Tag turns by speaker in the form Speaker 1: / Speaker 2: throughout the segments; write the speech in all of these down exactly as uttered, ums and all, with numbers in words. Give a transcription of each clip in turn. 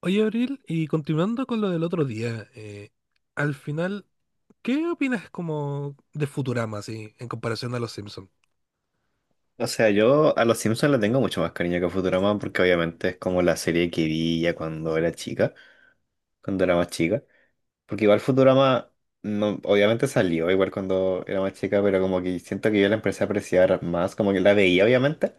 Speaker 1: Oye, Abril, y continuando con lo del otro día, eh, al final, ¿qué opinas como de Futurama, así, en comparación a Los Simpsons?
Speaker 2: O sea, yo a Los Simpsons le tengo mucho más cariño que a Futurama porque obviamente es como la serie que vi ya cuando era chica, cuando era más chica. Porque igual Futurama, no, obviamente salió igual cuando era más chica, pero como que siento que yo la empecé a apreciar más, como que la veía obviamente,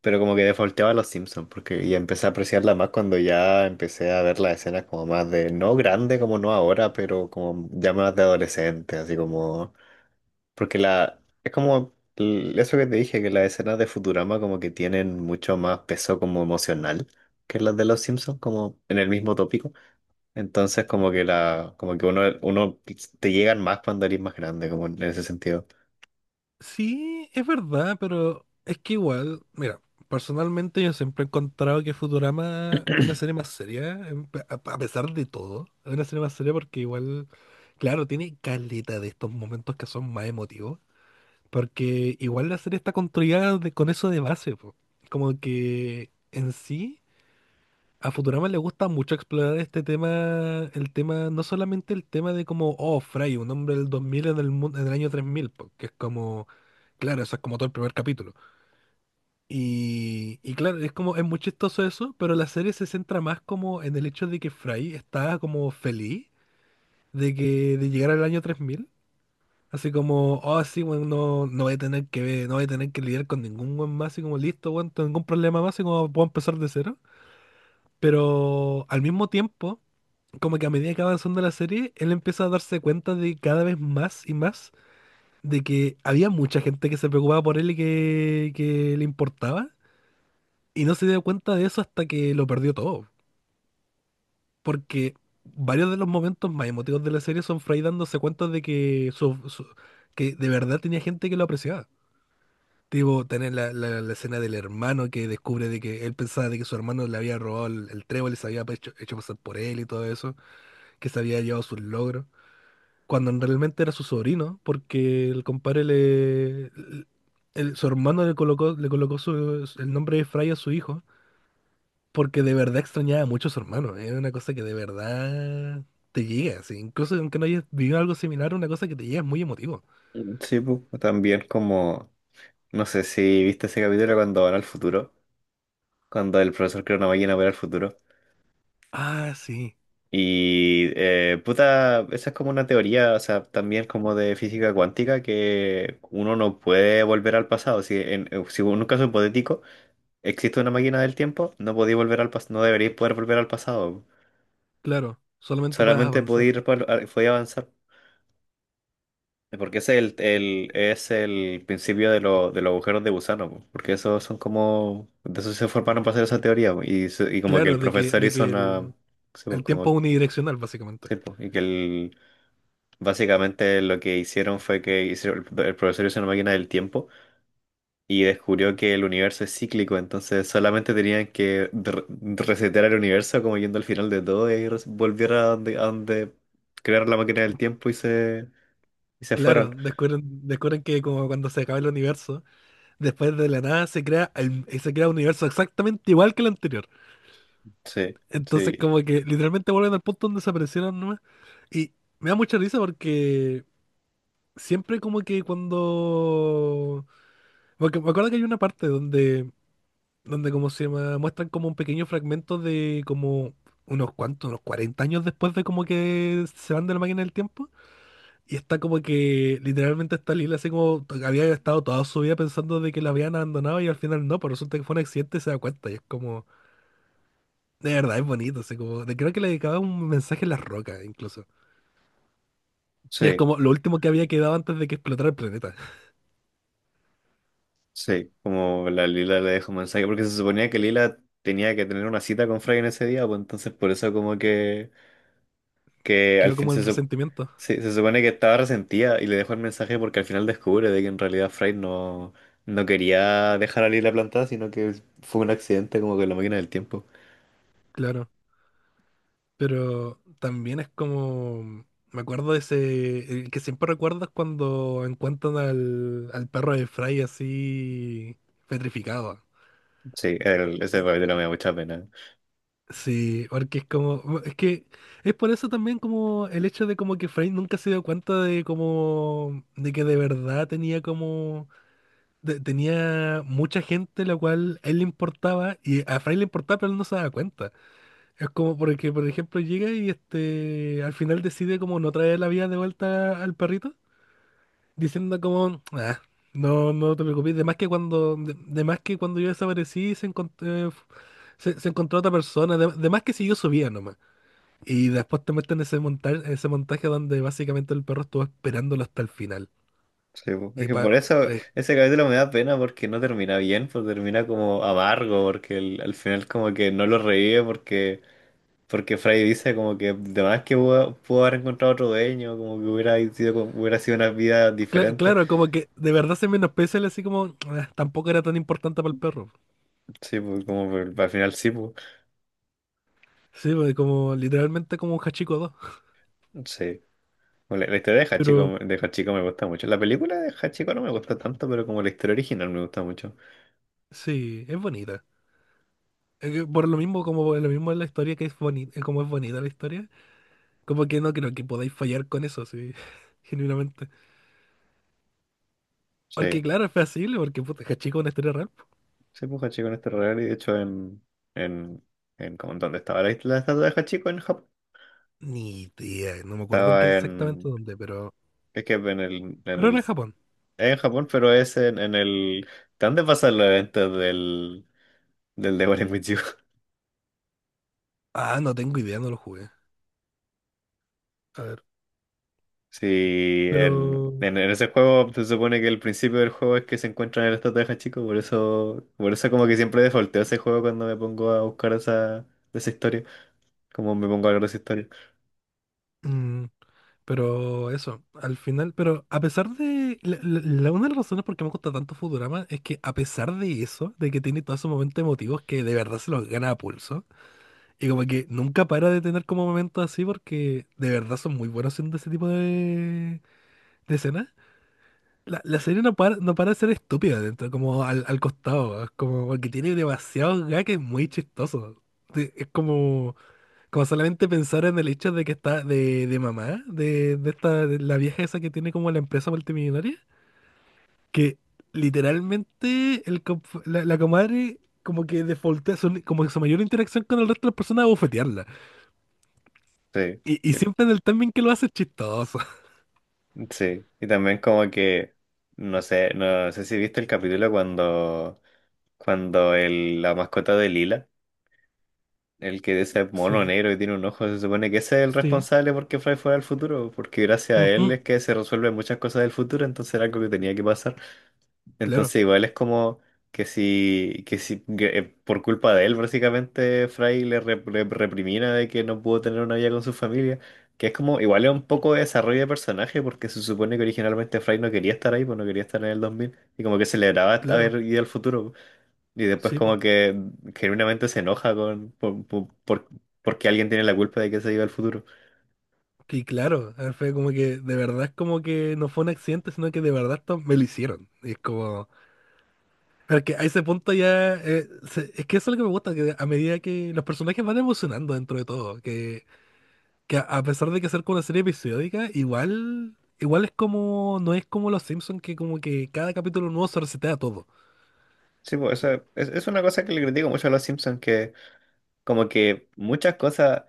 Speaker 2: pero como que defaulteaba a Los Simpsons porque ya empecé a apreciarla más cuando ya empecé a ver las escenas como más de, no grande como no ahora, pero como ya más de adolescente, así como... Porque la, es como l- eso que te dije, que las escenas de Futurama como que tienen mucho más peso como emocional que las de Los Simpsons, como en el mismo tópico. Entonces como que la, como que uno, uno te llegan más cuando eres más grande, como en ese sentido.
Speaker 1: Sí, es verdad, pero es que igual, mira, personalmente yo siempre he encontrado que Futurama es una serie más seria, en pe- a a pesar de todo, es una serie más seria porque igual, claro, tiene caleta de estos momentos que son más emotivos, porque igual la serie está construida de- con eso de base, po. Como que en sí... A Futurama le gusta mucho explorar este tema, el tema, no solamente el tema de como, oh, Fry, un hombre del dos mil en el, mun- en el año tres mil, porque es como, claro, eso es como todo el primer capítulo. Y, y claro, es como, es muy chistoso eso, pero la serie se centra más como en el hecho de que Fry está como feliz de que, de llegar al año tres mil. Así como, oh, sí, bueno, no, no voy a tener que ver- no voy a tener que lidiar con ningún buen más, así como, listo, bueno, ningún problema más, así como puedo empezar de cero. Pero al mismo tiempo como que a medida que va avanzando la serie, él empieza a darse cuenta de cada vez más y más de que había mucha gente que se preocupaba por él y que, que le importaba. Y no se dio cuenta de eso hasta que lo perdió todo. Porque varios de los momentos más emotivos de la serie son Fry dándose cuenta de que, su- su- que de verdad tenía gente que lo apreciaba. Tipo, tener la, la- la escena del hermano que descubre de que él pensaba de que su hermano le había robado el, el trébol y se había hecho, hecho pasar por él y todo eso, que se había llevado sus logros, cuando realmente era su sobrino, porque el compadre le... el- Su hermano le colocó, le colocó su- el nombre de Fry a su hijo, porque de verdad extrañaba mucho a su hermano. Es una cosa que de verdad te llega, sí. Incluso aunque no hayas vivido algo similar, una cosa que te llega es muy emotivo.
Speaker 2: Mm, sí, pues, también como, no sé si viste ese capítulo cuando van al futuro, cuando el profesor crea una máquina para ir al futuro.
Speaker 1: Ah, sí,
Speaker 2: Y eh, puta, esa es como una teoría, o sea, también como de física cuántica, que uno no puede volver al pasado. Si en, eh, si en un caso hipotético existe una máquina del tiempo, no podéis volver al pas- no deberíais poder volver al pasado.
Speaker 1: claro, solamente puedes
Speaker 2: Solamente
Speaker 1: avanzar.
Speaker 2: podéis ir por- a- podéis avanzar. Porque ese es el, el- es el principio de, lo- de los agujeros de gusano, po. Porque esos son como, de eso se formaron para hacer esa teoría, po. y, se- y como que
Speaker 1: Claro,
Speaker 2: el
Speaker 1: de que,
Speaker 2: profesor
Speaker 1: de
Speaker 2: hizo
Speaker 1: que
Speaker 2: una,
Speaker 1: el,
Speaker 2: sí, po,
Speaker 1: el tiempo
Speaker 2: como,
Speaker 1: es unidireccional, básicamente.
Speaker 2: sí, po, y que el básicamente lo que hicieron fue que hicieron- el el profesor hizo una máquina del tiempo y descubrió que el universo es cíclico, entonces solamente tenían que re- resetear el universo como yendo al final de todo y res- volvieron a donde, a donde crearon la máquina del tiempo y se, y se
Speaker 1: Claro,
Speaker 2: fueron.
Speaker 1: descubren, descubren que como cuando se acaba el universo, después de la nada se crea, el- eh, se crea un universo exactamente igual que el anterior.
Speaker 2: Sí,
Speaker 1: Entonces
Speaker 2: sí,
Speaker 1: como que literalmente vuelven al punto donde se aparecieron nomás. Y me da mucha risa porque siempre como que cuando... Porque me acuerdo que hay una parte donde, donde como se llama, muestran como un pequeño fragmento de como unos cuantos, unos cuarenta años después de como que se van de la máquina del tiempo. Y está como que literalmente está Lila así como to- había estado toda su vida pensando de que la habían abandonado y al final no, pero resulta que fue un accidente y se da cuenta. Y es como, de verdad, es bonito. Así como, de- creo que le dedicaba un mensaje a las rocas incluso. Y es
Speaker 2: sí,
Speaker 1: como lo último que había quedado antes de que explotara el planeta.
Speaker 2: sí, como la Lila le dejó un mensaje, porque se suponía que Lila tenía que tener una cita con Frey en ese día, pues entonces por eso como que que al
Speaker 1: Quedó
Speaker 2: fin
Speaker 1: como
Speaker 2: se,
Speaker 1: el
Speaker 2: sup-
Speaker 1: resentimiento,
Speaker 2: se, se supone que estaba resentida y le dejó el mensaje porque al final descubre de que en realidad Fry no, no quería dejar a Lila plantada, sino que fue un accidente como que la máquina del tiempo.
Speaker 1: claro. Pero también es como, mm, me acuerdo de ese, el que siempre recuerdas cuando encuentran al, al perro de Fry así petrificado.
Speaker 2: Sí, el- ese capítulo me da mucha pena.
Speaker 1: Sí, porque es como, es que es por eso también como el hecho de como que Frey nunca se dio cuenta de como, de que de verdad tenía como, de- tenía mucha gente la cual él le importaba y a Frey le importaba pero él no se daba cuenta. Es como porque, por ejemplo, llega y este, al final decide como no traer la vida de vuelta al perrito, diciendo como, ah, no, no te preocupes, de más que cuando, de, de más que cuando yo desaparecí se, encont- eh, se, se encontró otra persona, de, de más que siguió su vida nomás. Y después te meten ese montaje, ese montaje donde básicamente el perro estuvo esperándolo hasta el final.
Speaker 2: Sí, po. Es
Speaker 1: Y
Speaker 2: que
Speaker 1: pa-
Speaker 2: por eso
Speaker 1: eh,
Speaker 2: ese capítulo me da pena porque no termina bien, pues termina como amargo, porque el- al final como que no lo revive porque... Porque Fry dice como que de más que pudo, pudo haber encontrado otro dueño, como que hubiera sido, hubiera sido una vida
Speaker 1: cla-
Speaker 2: diferente.
Speaker 1: claro, como que de verdad se menosprecia el así como "Ah, tampoco era tan importante para el perro."
Speaker 2: Sí, pues como por- al final sí, pues.
Speaker 1: Sí, pues, como literalmente como un Hachiko dos.
Speaker 2: Sí. Bueno, La, la historia de
Speaker 1: Pero
Speaker 2: Hachiko, de Hachiko me gusta mucho. La película de Hachiko no me gusta tanto, pero como la historia original me gusta mucho.
Speaker 1: sí, es bonita. Es que por lo mismo, como lo mismo es la historia que es bonita, como es bonita la historia, como que no creo que podáis fallar con eso, sí, genuinamente. Porque
Speaker 2: Sí,
Speaker 1: claro, es fácil, porque puta, Hachiko es una historia real, po.
Speaker 2: sí, pues Hachiko en este real y de hecho en, en, en como en donde estaba la, isla- la estatua de Hachiko en Japón.
Speaker 1: Ni idea, no me acuerdo en qué
Speaker 2: Estaba
Speaker 1: exactamente
Speaker 2: en,
Speaker 1: dónde, pero
Speaker 2: es que en el, en
Speaker 1: pero
Speaker 2: el,
Speaker 1: era en
Speaker 2: es
Speaker 1: Japón.
Speaker 2: en Japón, pero es en, en el, ¿de dónde pasan los eventos del, del Devil May Cry?
Speaker 1: Ah, no tengo idea, no lo jugué. A ver,
Speaker 2: Sí, en,
Speaker 1: pero...
Speaker 2: en, en ese juego se supone que el principio del juego es que se encuentran en esta caja, chico, por eso, por eso como que siempre defaulteo ese juego cuando me pongo a buscar esa, esa historia, como me pongo a hablar de esa historia.
Speaker 1: mm, pero eso, al final, pero a pesar de... La, la- la- una de las razones por qué me gusta tanto Futurama es que a pesar de eso, de que tiene todos esos momentos emotivos que de verdad se los gana a pulso, y como que nunca para de tener como momentos así porque de verdad son muy buenos haciendo ese tipo de, de escenas. La, la serie no para, no para de ser estúpida dentro, como al, al costado, es como porque tiene demasiados gags muy chistosos. Sí, es como... Como solamente pensar en el hecho de que está de, de mamá, de, de esta, de la vieja esa que tiene como la empresa multimillonaria, que literalmente el, comp- la, la comadre como que defaultea, su- como que su mayor interacción con el resto de las personas es bofetearla.
Speaker 2: Sí,
Speaker 1: Y, y
Speaker 2: sí,
Speaker 1: siempre en el timing que lo hace es chistoso.
Speaker 2: sí. Y también como que, no sé, no sé si viste el capítulo cuando, cuando el, la mascota de Lila, el que es ese mono
Speaker 1: Sí,
Speaker 2: negro y tiene un ojo, se supone que ese es el
Speaker 1: sí,
Speaker 2: responsable porque Fry fuera al futuro, porque gracias a él
Speaker 1: ujú.
Speaker 2: es que se resuelven muchas cosas del futuro, entonces era algo que tenía que pasar.
Speaker 1: Claro,
Speaker 2: Entonces igual es como que si, que si que, eh, por culpa de él básicamente Fry le rep- rep- reprimina de que no pudo tener una vida con su familia, que es como igual es un poco de desarrollo de personaje porque se supone que originalmente Fry no quería estar ahí, pues no quería estar en el dos mil y como que celebraba
Speaker 1: claro,
Speaker 2: haber ido al futuro y después
Speaker 1: sí, pues.
Speaker 2: como que genuinamente se enoja con por, por- por- porque alguien tiene la culpa de que se iba al futuro.
Speaker 1: Y claro, fue como que de verdad es como que no fue un accidente, sino que de verdad esto me lo hicieron. Y es como... Pero es que a ese punto ya. Eh, se- es que eso es lo que me gusta, que a medida que los personajes van evolucionando dentro de todo. Que, que a a pesar de que ser como una serie episódica, igual. Igual es como. No es como Los Simpsons, que como que cada capítulo nuevo se resetea todo.
Speaker 2: Sí, pues eso es, es una cosa que le critico mucho a Los Simpsons que como que muchas cosas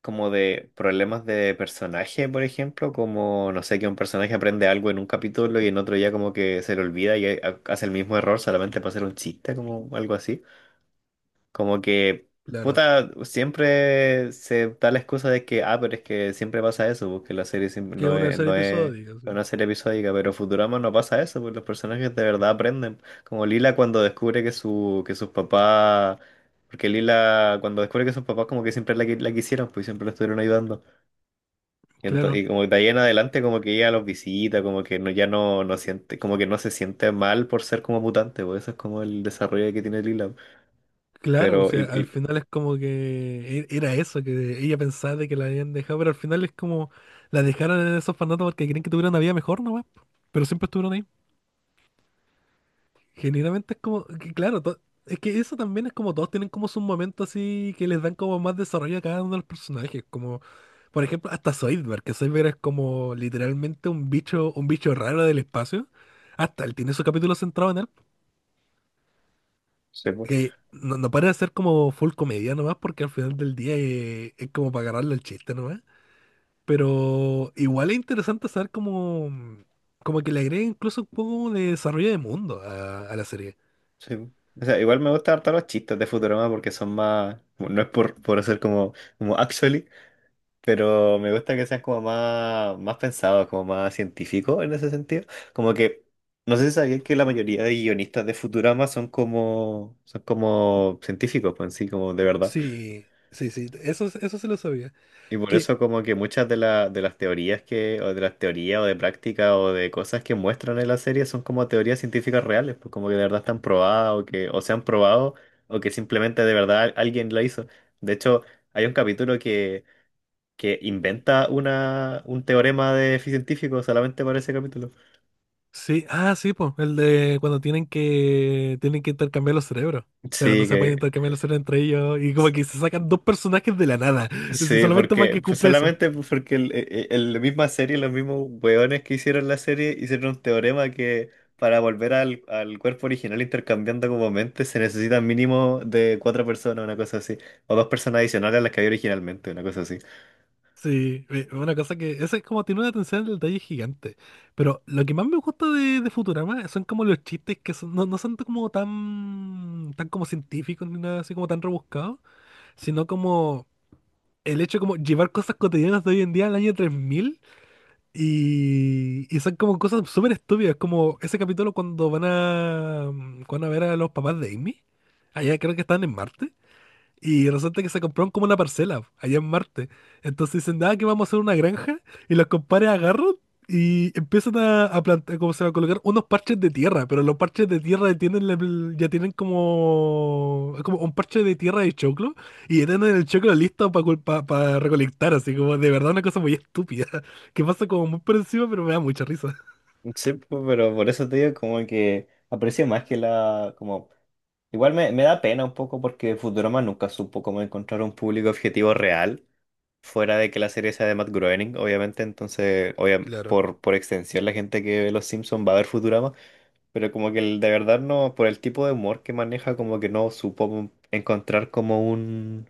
Speaker 2: como de problemas de personaje, por ejemplo, como no sé, que un personaje aprende algo en un capítulo y en otro ya como que se le olvida y ha- hace el mismo error solamente para hacer un chiste, como algo así. Como que,
Speaker 1: Claro.
Speaker 2: puta, siempre se da la excusa de que, ah, pero es que siempre pasa eso, porque la serie siempre
Speaker 1: Que es
Speaker 2: no
Speaker 1: una
Speaker 2: es,
Speaker 1: serie
Speaker 2: no es
Speaker 1: episódica, sí.
Speaker 2: una serie episódica, pero Futurama no pasa eso, porque los personajes de verdad aprenden. Como Lila cuando descubre que su, que sus papás, porque Lila cuando descubre que sus papás como que siempre la, qui- la quisieron, pues siempre la estuvieron ayudando. Y, ento-
Speaker 1: Claro.
Speaker 2: y como de ahí en adelante como que ella los visita, como que no, ya no, no siente, como que no se siente mal por ser como mutante, pues eso es como el desarrollo que tiene Lila.
Speaker 1: Claro, o
Speaker 2: Pero, y,
Speaker 1: sea, al
Speaker 2: y-
Speaker 1: final es como que e- era eso, que ella pensaba de que la habían dejado, pero al final es como la dejaron en esos orfanatos porque creen que tuvieron una vida mejor nomás, pero siempre estuvieron ahí. Generalmente es como, que claro, to- es que eso también es como todos tienen como sus momentos así que les dan como más desarrollo a cada uno de los personajes, como por ejemplo hasta Zoidberg, que Zoidberg es como literalmente un bicho, un bicho raro del espacio, hasta él tiene su capítulo centrado en él,
Speaker 2: Sí. Pues.
Speaker 1: que no, no para de ser como full comedia nomás, porque al final del día eh, es, como para agarrarle el chiste nomás, pero igual es interesante saber como, como que le agrega incluso un poco de desarrollo de mundo a a la serie.
Speaker 2: Sí. O sea, igual me gustan harto los chistes de Futurama porque son más, bueno, no es por, por hacer como, como actually, pero me gusta que sean como más, más pensados, como más científicos en ese sentido. Como que, no sé si sabían que la mayoría de guionistas de Futurama son como, son como científicos, pues en sí, como de verdad.
Speaker 1: Sí, sí, sí, eso, eso se lo sabía.
Speaker 2: Y por
Speaker 1: Que,
Speaker 2: eso como que muchas de, la- de las teorías que, o de las teorías o de prácticas o de cosas que muestran en la serie son como teorías científicas reales, pues como que de verdad están probadas o que o se han probado o que simplemente de verdad alguien la hizo. De hecho, hay un capítulo que, que inventa una, un teorema de científico solamente para ese capítulo.
Speaker 1: sí, ah, sí, pues, el de cuando tienen que, tienen que intercambiar los cerebros. Pero no
Speaker 2: Sí,
Speaker 1: se pueden
Speaker 2: que...
Speaker 1: intercambiar los cerebros entre ellos. Y como que se sacan dos personajes de la nada. Sí,
Speaker 2: Sí,
Speaker 1: solamente para
Speaker 2: porque
Speaker 1: que
Speaker 2: pues
Speaker 1: cumpla eso.
Speaker 2: solamente pues, porque el- e- e- la misma serie, los mismos weones que hicieron la serie, hicieron un teorema que para volver al, al cuerpo original intercambiando como mentes se necesitan mínimo de cuatro personas, una cosa así, o dos personas adicionales a las que había originalmente, una cosa así.
Speaker 1: Sí, eh, una cosa que, ese es como tiene una atención al detalle gigante. Pero lo que más me gusta de, de Futurama son como los chistes que son, no, no son como tan, tan como científicos ni nada así como tan rebuscados, sino como el hecho de como llevar cosas cotidianas de hoy en día al año tres mil. Y, y son como cosas súper estúpidas, como ese capítulo cuando van a, mm, cuando van a ver a los papás de Amy. Allá creo que están en Marte. Y resulta que se compraron como una parcela allá en Marte. Entonces dicen, ah, que vamos a hacer una granja. Y los compadres agarran y empiezan a, a plantar, como se va a colocar, unos parches de tierra. Pero los parches de tierra tienen, la- ya tienen como, como un parche de tierra de choclo. Y ya tienen el choclo listo para recolectar. Así como de verdad una cosa muy estúpida. Que pasa como muy por encima, pero me da mucha risa.
Speaker 2: Sí, pu- pero por eso te digo como que aprecio más que la, como, igual me, me da pena un poco porque Futurama nunca supo cómo encontrar un público objetivo real. Fuera de que la serie sea de Matt Groening, obviamente, entonces, obvia-
Speaker 1: Claro,
Speaker 2: por, por extensión, la gente que ve Los Simpsons va a ver Futurama, pero como que el- de verdad no, por el tipo de humor que maneja, como que no supo encontrar como un,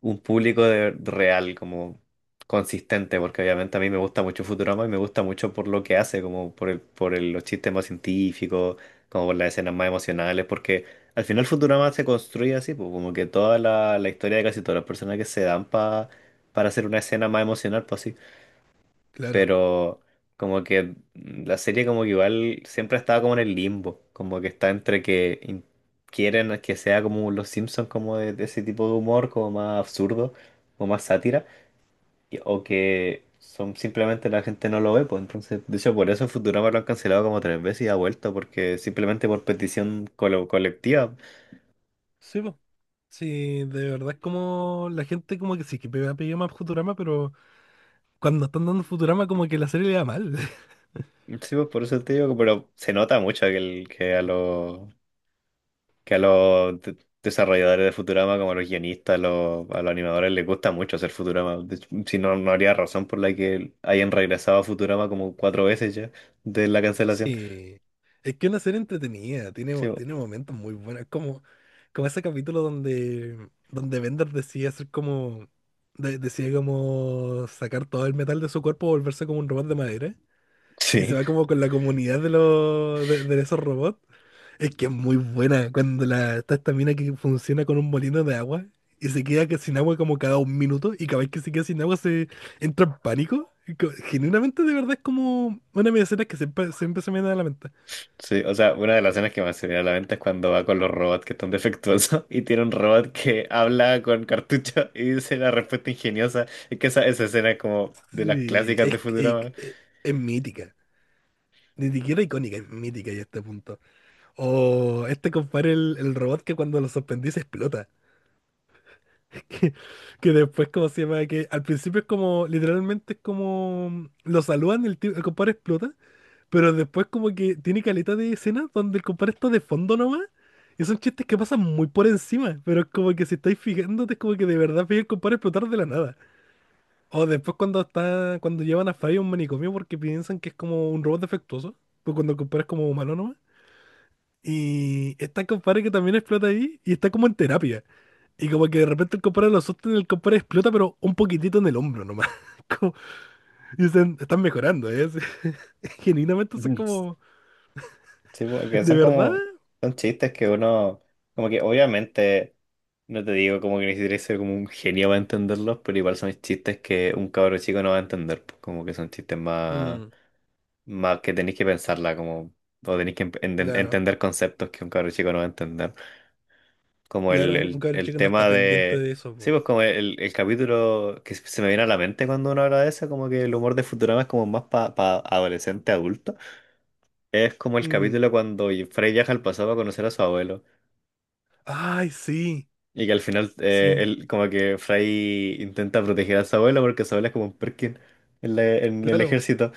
Speaker 2: un público de, real, como consistente, porque obviamente a mí me gusta mucho Futurama y me gusta mucho por lo que hace, como por el, por el- los chistes más científicos, como por las escenas más emocionales, porque al final Futurama se construye así, pues como que toda la, la historia de casi todas las personas que se dan pa- para hacer una escena más emocional, pues así.
Speaker 1: claro.
Speaker 2: Pero como que la serie como que igual siempre ha estado como en el limbo, como que está entre que in- quieren que sea como Los Simpsons, como de, de ese tipo de humor, como más absurdo, como más sátira, y- o que son simplemente la gente no lo ve, pues entonces, de hecho por eso en Futurama lo han cancelado como tres veces y ha vuelto, porque simplemente por petición colo- colectiva.
Speaker 1: Sí, po. Sí, de verdad es como la gente como que sí, que me ha pedido más Futurama, pero... Cuando están dando Futurama, como que la serie le da mal.
Speaker 2: Sí, pues por eso te digo, que- pero se nota mucho que, el, que a los que a los de- desarrolladores de Futurama, como a los guionistas, a los, a los animadores, les gusta mucho hacer Futurama. De hecho, si no, no habría razón por la que hayan regresado a Futurama como cuatro veces ya de la cancelación.
Speaker 1: Sí. Es que es una serie entretenida, tiene,
Speaker 2: Sí,
Speaker 1: mo-
Speaker 2: bo-
Speaker 1: tiene momentos muy buenos, como, como ese capítulo donde, donde Bender decide hacer como, de- decide como sacar todo el metal de su cuerpo, volverse como un robot de madera, y se
Speaker 2: sí,
Speaker 1: va como con la comunidad de los, de, de esos robots. Es que es muy buena cuando la, está esta mina que funciona con un molino de agua y se queda que- sin agua como cada un minuto y cada vez que se queda sin agua se entra en pánico. Y co- Genuinamente de verdad es como una de mis escenas que siempre, siempre se me da a la mente.
Speaker 2: sí. O sea, una de las escenas que más se viene a la mente es cuando va con los robots que están defectuosos y tiene un robot que habla con cartucho y dice la respuesta ingeniosa. Es que esa, esa escena es como de las
Speaker 1: Sí,
Speaker 2: clásicas de
Speaker 1: es, es,
Speaker 2: Futurama.
Speaker 1: es- es mítica. Ni siquiera icónica, es mítica ya a este punto. O este compadre, el, el robot que cuando lo sorprendí se explota. Que, que después, ¿como se llama? Que al principio es como, literalmente es como, lo saludan, el, tío- el compadre explota. Pero después como que tiene caleta de escenas donde el compadre está de fondo nomás. Y son chistes que pasan muy por encima. Pero es como que si estáis fijándote, es como que de verdad veis el compadre explotar de la nada. O después cuando está, cuando llevan a Fry a un manicomio porque piensan que es como un robot defectuoso. Pues cuando el compadre es como humano nomás. Y está el compadre que también explota ahí y está como en terapia. Y como que de repente el compadre lo asusta y el compadre explota, pero un poquitito en el hombro nomás. Como- y dicen, están mejorando, ¿eh? Genuinamente eso es como,
Speaker 2: Sí, porque
Speaker 1: de
Speaker 2: son
Speaker 1: verdad,
Speaker 2: como, son chistes que uno, como que obviamente, no te digo como que necesitas ser como un genio para entenderlos, pero igual son chistes que un cabro chico no va a entender, pues, como que son chistes más,
Speaker 1: mm,
Speaker 2: más que tenéis que pensarla, como, o tenéis que enten-
Speaker 1: claro,
Speaker 2: entender conceptos que un cabro chico no va a entender. Como
Speaker 1: claro,
Speaker 2: el,
Speaker 1: un, un
Speaker 2: el,
Speaker 1: cabro
Speaker 2: el
Speaker 1: chico no está
Speaker 2: tema
Speaker 1: pendiente
Speaker 2: de,
Speaker 1: de eso,
Speaker 2: sí,
Speaker 1: po.
Speaker 2: pues como el, el capítulo que se me viene a la mente cuando uno habla de eso, como que el humor de Futurama es como más para pa pa adolescente adulto. Es como el
Speaker 1: Mm,
Speaker 2: capítulo cuando Frey viaja al pasado a conocer a su abuelo.
Speaker 1: ay, sí,
Speaker 2: Y que al final, eh,
Speaker 1: sí,
Speaker 2: él, como que Frey intenta proteger a su abuelo porque su abuelo es como un Perkin en, la- en el
Speaker 1: claro.
Speaker 2: ejército.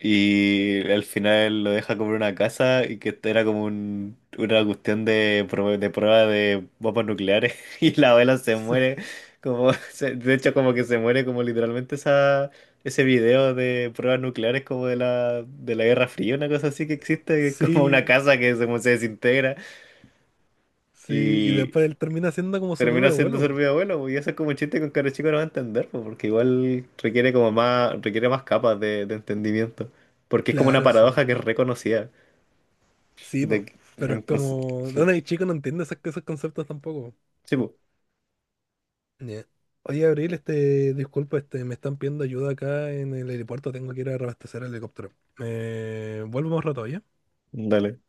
Speaker 2: Y al final lo deja comprar una casa y que era como un- una cuestión de, prue- de prueba de bombas nucleares. Y la abuela se
Speaker 1: Sí,
Speaker 2: muere, como se- de hecho como que se muere como literalmente esa, ese video de pruebas nucleares como de la, de la Guerra Fría, una cosa así que existe, que es como una
Speaker 1: sí,
Speaker 2: casa que se, se desintegra
Speaker 1: sí, y después él termina siendo como su propio
Speaker 2: termina siendo
Speaker 1: abuelo.
Speaker 2: ser mi abuelo, pues, y eso es como un chiste con cara chico no va a entender, pues, porque igual requiere como más, requiere más capas de, de entendimiento, porque es como una
Speaker 1: Claro, sí.
Speaker 2: paradoja que es reconocida,
Speaker 1: Sí,
Speaker 2: de,
Speaker 1: po.
Speaker 2: que-
Speaker 1: Pero es
Speaker 2: entonces,
Speaker 1: como.
Speaker 2: fue-
Speaker 1: Donde hay chico no entiende esas- esos conceptos tampoco.
Speaker 2: sí, pues,
Speaker 1: Ya. Oye, Abril, este, disculpa, este, me están pidiendo ayuda acá en el aeropuerto, tengo que ir a reabastecer el helicóptero. Eh, vuelvo más rato, ¿ya?
Speaker 2: dale.